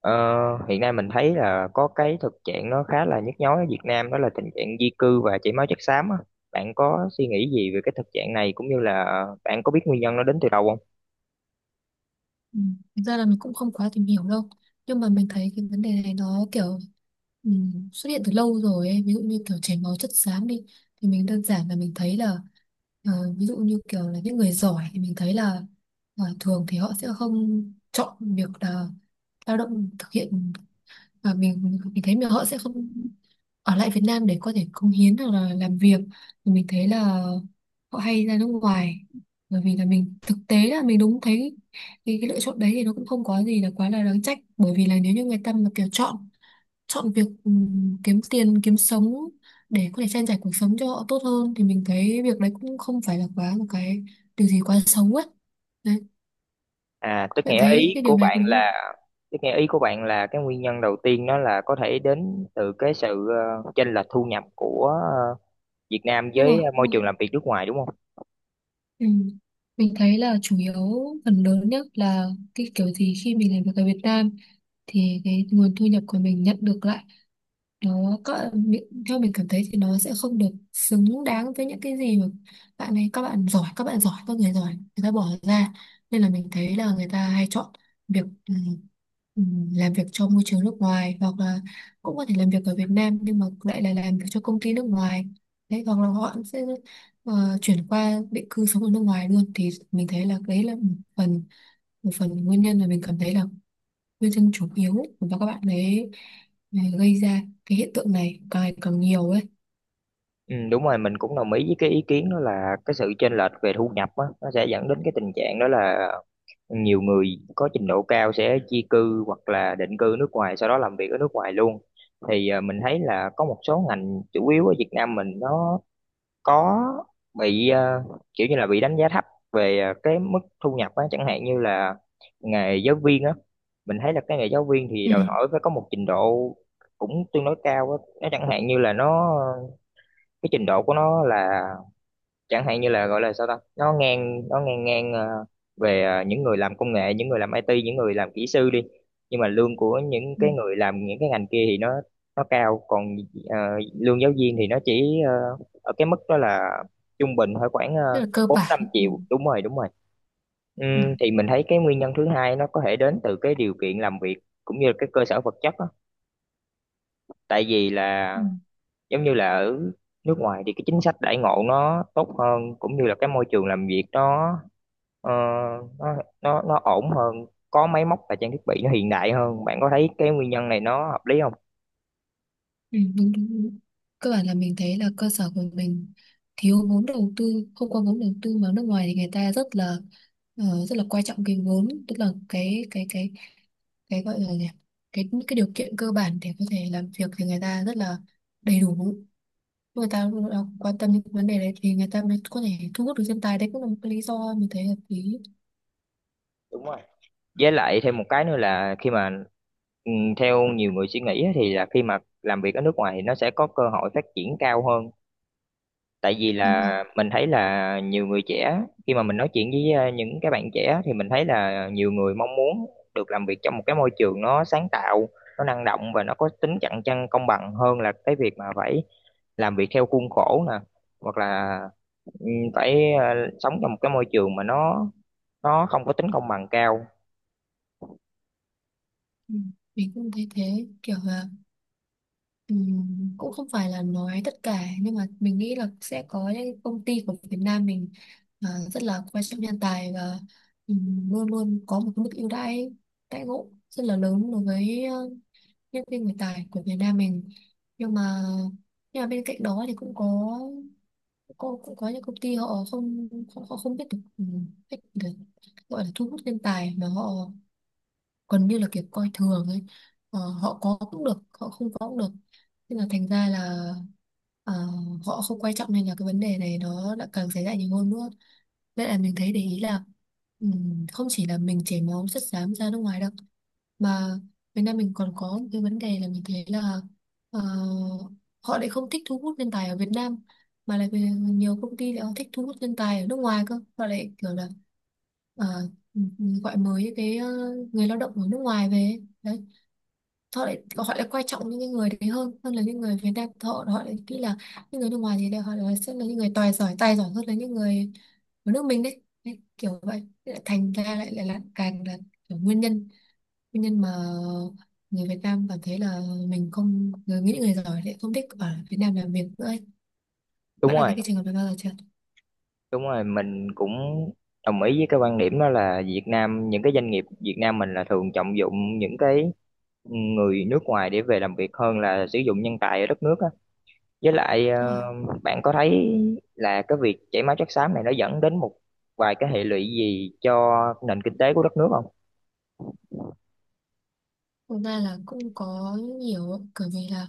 Ờ, Hiện nay mình thấy là có cái thực trạng nó khá là nhức nhối ở Việt Nam, đó là tình trạng di cư và chảy máu chất xám á. Bạn có suy nghĩ gì về cái thực trạng này cũng như là bạn có biết nguyên nhân nó đến từ đâu không? Ừ. Thực ra là mình cũng không quá tìm hiểu đâu nhưng mà mình thấy cái vấn đề này nó kiểu ừ, xuất hiện từ lâu rồi ấy. Ví dụ như kiểu chảy máu chất xám đi thì mình đơn giản là mình thấy là ờ, ví dụ như kiểu là những người giỏi thì mình thấy là thường thì họ sẽ không chọn việc là lao động thực hiện, và mình thấy mà họ sẽ không ở lại Việt Nam để có thể cống hiến hoặc là làm việc thì mình thấy là họ hay ra nước ngoài, bởi vì là mình thực tế là mình đúng thấy cái lựa chọn đấy thì nó cũng không có gì là quá là đáng trách, bởi vì là nếu như người ta mà kiểu chọn chọn việc kiếm tiền kiếm sống để có thể trang trải cuộc sống cho họ tốt hơn thì mình thấy việc đấy cũng không phải là quá một cái điều gì quá xấu ấy, đấy. À, tức Bạn nghĩa thấy ý cái điều của này bạn có đúng không? là tức nghĩa ý của bạn là cái nguyên nhân đầu tiên nó là có thể đến từ cái sự chênh lệch thu nhập của Việt Nam Đúng với rồi, đúng môi rồi. trường làm việc nước ngoài, đúng không? Ừ. Mình thấy là chủ yếu, phần lớn nhất là cái kiểu gì khi mình làm việc ở Việt Nam thì cái nguồn thu nhập của mình nhận được lại, nó có theo mình cảm thấy thì nó sẽ không được xứng đáng với những cái gì mà bạn ấy, các bạn giỏi, các bạn giỏi, các người giỏi, người ta bỏ ra, nên là mình thấy là người ta hay chọn việc ừ, làm việc cho môi trường nước ngoài hoặc là cũng có thể làm việc ở Việt Nam nhưng mà lại là làm việc cho công ty nước ngoài đấy, hoặc là họ sẽ chuyển qua định cư sống ở nước ngoài luôn. Thì mình thấy là đấy là một phần, một phần nguyên nhân mà mình cảm thấy là nguyên nhân chủ yếu, và các bạn ấy ấy gây ra cái hiện tượng này càng ngày càng nhiều ấy. Ừ, đúng rồi, mình cũng đồng ý với cái ý kiến đó là cái sự chênh lệch về thu nhập á, nó sẽ dẫn đến cái tình trạng đó là nhiều người có trình độ cao sẽ di cư hoặc là định cư nước ngoài, sau đó làm việc ở nước ngoài luôn. Thì mình thấy là có một số ngành chủ yếu ở Việt Nam mình nó có bị kiểu như là bị đánh giá thấp về cái mức thu nhập á, chẳng hạn như là nghề giáo viên á. Mình thấy là cái nghề giáo viên thì Ừ. đòi hỏi phải có một trình độ cũng tương đối cao á, nó chẳng hạn như là, nó cái trình độ của nó là, chẳng hạn như là gọi là sao ta, nó ngang ngang ờ, về những người làm công nghệ, những người làm IT, những người làm kỹ sư đi, nhưng mà lương của những Ừ. cái người làm những cái ngành kia thì nó cao, còn ờ, lương giáo viên thì nó chỉ ở cái mức đó là trung bình thôi, khoảng Rất là cơ bốn năm bản. Ừ. triệu Đúng rồi, đúng rồi. Ừ. Thì mình thấy cái nguyên nhân thứ hai nó có thể đến từ cái điều kiện làm việc cũng như là cái cơ sở vật chất á. Tại vì Ừ. là giống như là ở nước ngoài thì cái chính sách đãi ngộ nó tốt hơn, cũng như là cái môi trường làm việc nó Ờ, nó nó ổn hơn, có máy móc và trang thiết bị nó hiện đại hơn. Bạn có thấy cái nguyên nhân này nó hợp lý không? Ừ. Đúng, đúng, đúng. Cơ bản là mình thấy là cơ sở của mình thiếu vốn đầu tư, không có vốn đầu tư, mà nước ngoài thì người ta rất là quan trọng cái vốn, tức là cái gọi là gì nhỉ? Cái điều kiện cơ bản để có thể làm việc thì người ta rất là đầy đủ, người ta cũng quan tâm đến vấn đề đấy thì người ta mới có thể thu hút được nhân tài, đấy cũng là một cái lý do mình thấy hợp lý. Với lại thêm một cái nữa là khi mà theo nhiều người suy nghĩ á, thì là khi mà làm việc ở nước ngoài thì nó sẽ có cơ hội phát triển cao hơn. Tại vì Đúng là không? mình thấy là nhiều người trẻ, khi mà mình nói chuyện với những cái bạn trẻ, thì mình thấy là nhiều người mong muốn được làm việc trong một cái môi trường nó sáng tạo, nó năng động và nó có tính cạnh tranh công bằng, hơn là cái việc mà phải làm việc theo khuôn khổ nè, hoặc là ừ, phải sống trong một cái môi trường mà nó không có tính công bằng cao. Ừ. Mình cũng thấy thế, kiểu là cũng không phải là nói tất cả nhưng mà mình nghĩ là sẽ có những công ty của Việt Nam mình, à, rất là quan trọng nhân tài, và luôn luôn có một cái mức ưu đãi, đãi ngộ rất là lớn đối với nhân viên, người tài của Việt Nam mình. Nhưng mà bên cạnh đó thì cũng có, cũng có những công ty họ không, họ không biết được cách để gọi là thu hút nhân tài mà họ gần như là kiểu coi thường ấy. Họ có cũng được, họ không có cũng được, nên là thành ra là ờ, họ không quan trọng, nên là cái vấn đề này nó đã càng xảy ra nhiều hơn nữa. Nên là mình thấy để ý là không chỉ là mình chảy máu chất xám ra nước ngoài đâu, mà Việt Nam mình còn có một cái vấn đề là mình thấy là ờ, họ lại không thích thu hút nhân tài ở Việt Nam, mà là vì nhiều công ty lại họ thích thu hút nhân tài ở nước ngoài cơ, họ lại kiểu là ờ, mình gọi mới những cái người lao động ở nước ngoài về đấy, họ lại quan trọng những cái người đấy hơn hơn là những người Việt Nam. Họ Họ lại nghĩ là những người nước ngoài thì đều họ là sẽ là những người tài giỏi, tài giỏi hơn là những người ở nước mình đấy, đấy kiểu vậy. Thế lại thành ra lại lại là càng là kiểu nguyên nhân, mà người Việt Nam cảm thấy là mình không, người nghĩ, người giỏi lại không thích ở Việt Nam làm việc nữa ấy. Đúng Bạn đã thấy rồi, cái trường hợp này bao giờ chưa? đúng rồi, mình cũng đồng ý với cái quan điểm đó là Việt Nam, những cái doanh nghiệp Việt Nam mình là thường trọng dụng những cái người nước ngoài để về làm việc hơn là sử dụng nhân tài ở đất nước á. Với lại Đúng rồi. Bạn có thấy là cái việc chảy máu chất xám này nó dẫn đến một vài cái hệ lụy gì cho nền kinh tế của đất nước không? Thực ra là cũng có nhiều ạ, bởi vì là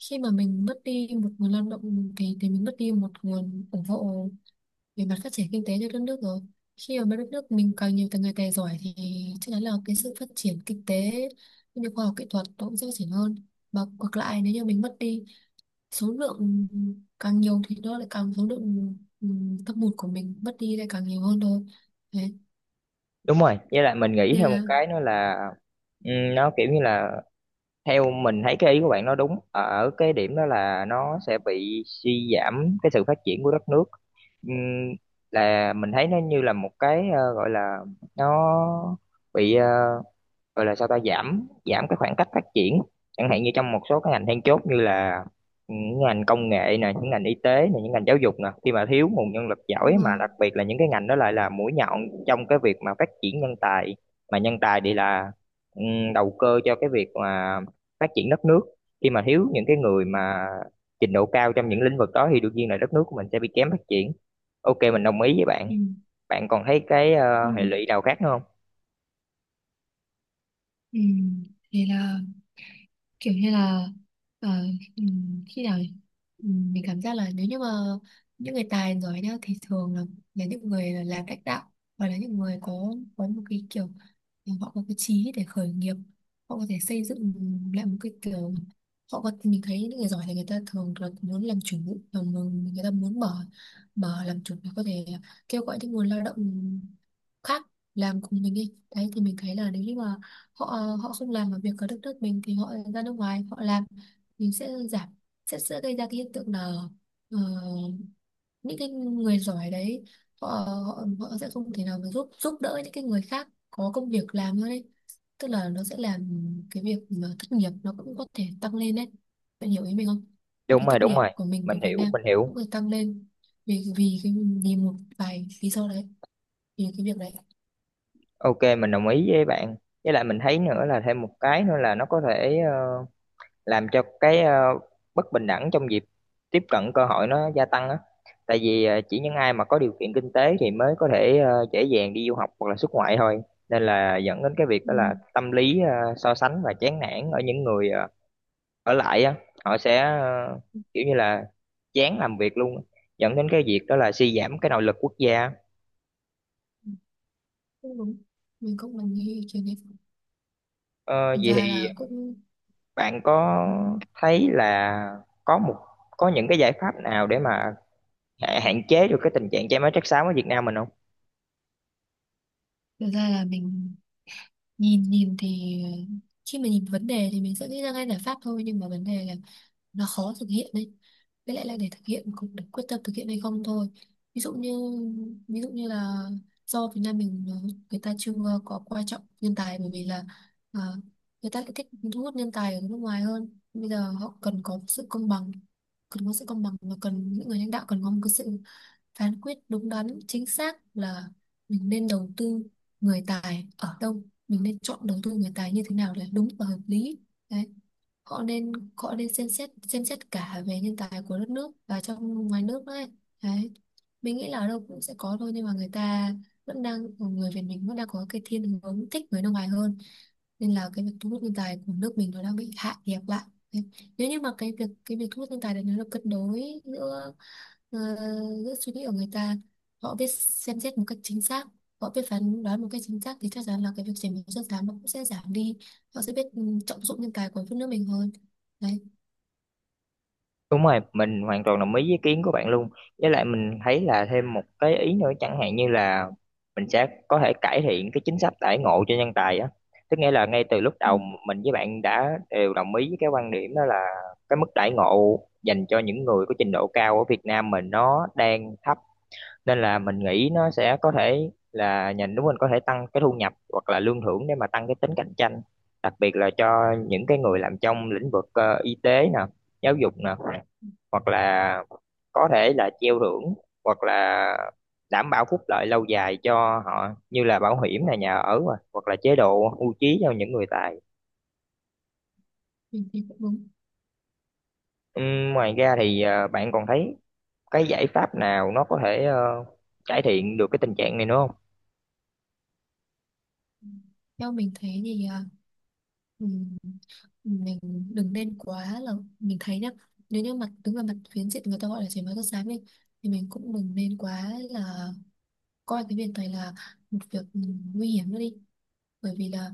khi mà mình mất đi một nguồn lao động thì mình mất đi một nguồn ủng hộ về mặt phát triển kinh tế cho đất nước rồi. Khi mà đất nước mình càng nhiều người tài giỏi thì chắc chắn là cái sự phát triển kinh tế cũng như khoa học kỹ thuật nó cũng sẽ phát triển hơn, và ngược lại nếu như mình mất đi số lượng càng nhiều thì nó lại càng số lượng thâm hụt của mình mất đi lại càng nhiều hơn thôi, đấy Đúng rồi, với lại mình nghĩ nên theo một là. cái nữa là, nó kiểu như là, theo mình thấy cái ý của bạn nó đúng ở ở cái điểm đó là nó sẽ bị suy giảm cái sự phát triển của đất nước. Ừm, là mình thấy nó như là một cái, gọi là, nó bị gọi là sao ta, giảm giảm cái khoảng cách phát triển, chẳng hạn như trong một số cái ngành then chốt như là những ngành công nghệ nè, những ngành y tế nè, những ngành giáo dục nè, khi mà thiếu nguồn nhân lực Đúng giỏi, rồi. mà đặc biệt là những cái ngành đó lại là mũi nhọn trong cái việc mà phát triển nhân tài, mà nhân tài thì là đầu cơ cho cái việc mà phát triển đất nước. Khi mà thiếu những cái người Ừ. mà trình độ cao trong những lĩnh vực đó thì đương nhiên là đất nước của mình sẽ bị kém phát triển. Ok, mình đồng ý với Ừ. bạn. Bạn còn thấy cái Ừ. Hệ lụy nào khác nữa không? Ừ, thì là kiểu như là ờ, khi nào mình cảm giác là nếu như mà những người tài giỏi nhá thì thường là, những người là làm lãnh đạo hoặc là những người có một cái kiểu thì họ có cái chí để khởi nghiệp, họ có thể xây dựng lại một cái kiểu, họ có, mình thấy những người giỏi thì người ta thường là muốn làm chủ và người ta muốn mở mở làm chủ để có thể kêu gọi những nguồn lao động khác làm cùng mình đi đấy. Thì mình thấy là nếu như mà họ, không làm ở việc ở đất nước mình thì họ ra nước ngoài họ làm, mình sẽ giảm, sẽ gây ra cái hiện tượng là ờ, những cái người giỏi đấy họ, họ họ sẽ không thể nào mà giúp giúp đỡ những cái người khác có công việc làm nữa đấy, tức là nó sẽ làm cái việc mà thất nghiệp nó cũng có thể tăng lên đấy. Bạn hiểu ý mình không? Thì Đúng cái rồi, thất đúng nghiệp rồi, của mình, của mình Việt hiểu, mình Nam hiểu. cũng phải tăng lên vì vì cái vì một vài lý do đấy, vì cái việc đấy. Ok, mình đồng ý với bạn. Với lại mình thấy nữa là, thêm một cái nữa là, nó có thể làm cho cái bất bình đẳng trong việc tiếp cận cơ hội nó gia tăng á. Tại vì chỉ những ai mà có điều kiện kinh tế thì mới có thể dễ dàng đi du học hoặc là xuất ngoại thôi. Nên là dẫn đến cái việc đó là Ừ. tâm lý so sánh và chán nản ở những người ở lại á. Họ sẽ kiểu như là chán làm việc luôn, dẫn đến cái việc đó là suy giảm cái nội lực quốc gia. Cũng đúng, mình nghĩ ý kiến đấy. Thực Vậy ra thì, là cũng, bạn có thấy là có một có những cái giải pháp nào để mà hạn chế được cái tình trạng chảy máu chất xám ở Việt Nam mình không? thực ra là mình nhìn nhìn thì khi mà nhìn vấn đề thì mình sẽ nghĩ ra ngay giải pháp thôi nhưng mà vấn đề là nó khó thực hiện đấy, với lại là để thực hiện cũng, để quyết tâm thực hiện hay không thôi. Ví dụ như, là do Việt Nam mình, người ta chưa, có coi trọng nhân tài bởi vì là, ờ, người ta lại thích thu hút nhân tài ở nước ngoài hơn. Bây giờ họ cần có sự công bằng, cần có sự công bằng và cần những người lãnh đạo, cần có một cái sự phán quyết đúng đắn chính xác là mình nên đầu tư người tài ở đâu, mình nên chọn đầu tư người tài như thế nào để đúng và hợp lý, đấy. Họ nên xem xét cả về nhân tài của đất nước và trong ngoài nước đấy, đấy. Mình nghĩ là ở đâu cũng sẽ có thôi nhưng mà người ta vẫn đang người Việt mình vẫn đang có cái thiên hướng thích người nước ngoài hơn, nên là cái việc thu hút nhân tài của nước mình nó đang bị hạ nhiệt lại. Đấy. Nếu như mà cái việc thu hút nhân tài đấy nó được cân đối giữa, ờ, giữa suy nghĩ của người ta, họ biết xem xét một cách chính xác, họ biết phán đoán một cách chính xác thì chắc chắn là cái việc chảy máu chất xám nó cũng sẽ giảm đi, họ sẽ biết trọng dụng nhân tài của đất nước mình hơn, đấy. Đúng rồi, mình hoàn toàn đồng ý với ý kiến của bạn luôn. Với lại mình thấy là thêm một cái ý nữa, chẳng hạn như là mình sẽ có thể cải thiện cái chính sách đãi ngộ cho nhân tài á. Tức nghĩa là ngay từ lúc Ừ. đầu mình với bạn đã đều đồng ý với cái quan điểm đó là cái mức đãi ngộ dành cho những người có trình độ cao ở Việt Nam mình nó đang thấp, nên là mình nghĩ nó sẽ có thể là nhà nước mình có thể tăng cái thu nhập hoặc là lương thưởng để mà tăng cái tính cạnh tranh, đặc biệt là cho những cái người làm trong lĩnh vực y tế nè, giáo dục nè, hoặc là có thể là treo thưởng, hoặc là đảm bảo phúc lợi lâu dài cho họ như là bảo hiểm này, nhà ở nè, hoặc là chế độ hưu trí cho những người tài. Mình thấy cũng đúng. Ngoài ra thì bạn còn thấy cái giải pháp nào nó có thể cải thiện được cái tình trạng này nữa không? Theo mình thấy thì uh, mình đừng nên quá là, mình thấy nhá, nếu như mặt đứng về mặt phiến diện người ta gọi là chảy máu chất xám đi thì mình cũng đừng nên quá là coi cái việc này là một việc nguy hiểm nữa đi, bởi vì là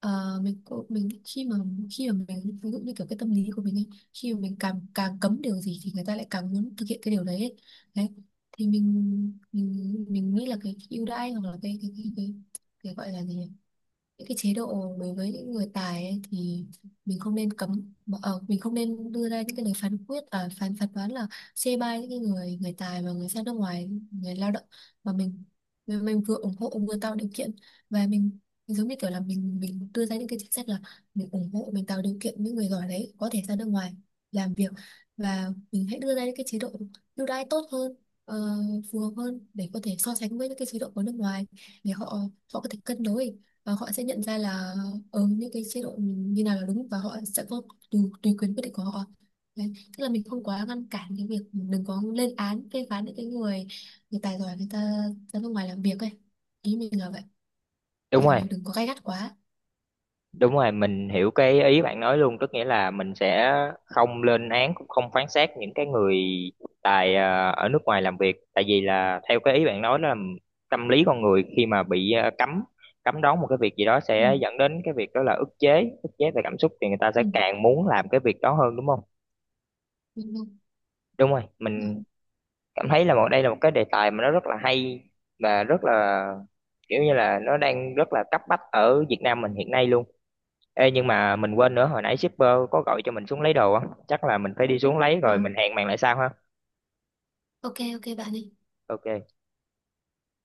mình khi mà mình ví dụ như kiểu cái tâm lý của mình ấy, khi mà mình càng càng cấm điều gì thì người ta lại càng muốn thực hiện cái điều đấy ấy, đấy. Thì mình nghĩ là cái ưu đãi hoặc là cái gọi là gì nhỉ? Những cái chế độ đối với những người tài ấy, thì mình không nên đưa ra những cái lời phán quyết, à, phán phán đoán là chê bai những cái người người tài và người ra nước ngoài, người lao động, mà mình, vừa ủng hộ vừa tạo điều kiện, và mình giống như kiểu là mình đưa ra những cái chính sách là mình ủng hộ, mình tạo điều kiện những người giỏi đấy có thể ra nước ngoài làm việc, và mình hãy đưa ra những cái chế độ ưu đãi tốt hơn, ờ, phù hợp hơn để có thể so sánh với những cái chế độ của nước ngoài, để họ, có thể cân đối và họ sẽ nhận ra là những cái chế độ như nào là đúng và họ sẽ có tùy quyền quyết định của họ, đấy. Tức là mình không quá ngăn cản cái việc, đừng có lên án phê phán những cái người người tài giỏi, người ta ra nước ngoài làm việc ấy, ý mình là vậy, Đúng kiểu là rồi. mình đừng có gay gắt quá. Đúng rồi, mình hiểu cái ý bạn nói luôn, tức nghĩa là mình sẽ không lên án cũng không phán xét những cái người tại ở nước ngoài làm việc, tại vì là theo cái ý bạn nói là tâm lý con người khi mà bị cấm cấm đoán một cái việc gì đó Ừ. sẽ dẫn đến cái việc đó là ức chế về cảm xúc, thì người ta Ừ. sẽ càng muốn làm cái việc đó hơn, đúng không? Đúng không? Đúng rồi, Đúng. mình cảm thấy là đây là một cái đề tài mà nó rất là hay, và rất là, kiểu như là, nó đang rất là cấp bách ở Việt Nam mình hiện nay luôn. Ê, nhưng mà mình quên nữa, hồi nãy shipper có gọi cho mình xuống lấy đồ á, chắc là mình phải đi xuống lấy rồi, À, mình hẹn bạn lại sau ha. ok ok bạn ấy. Ok.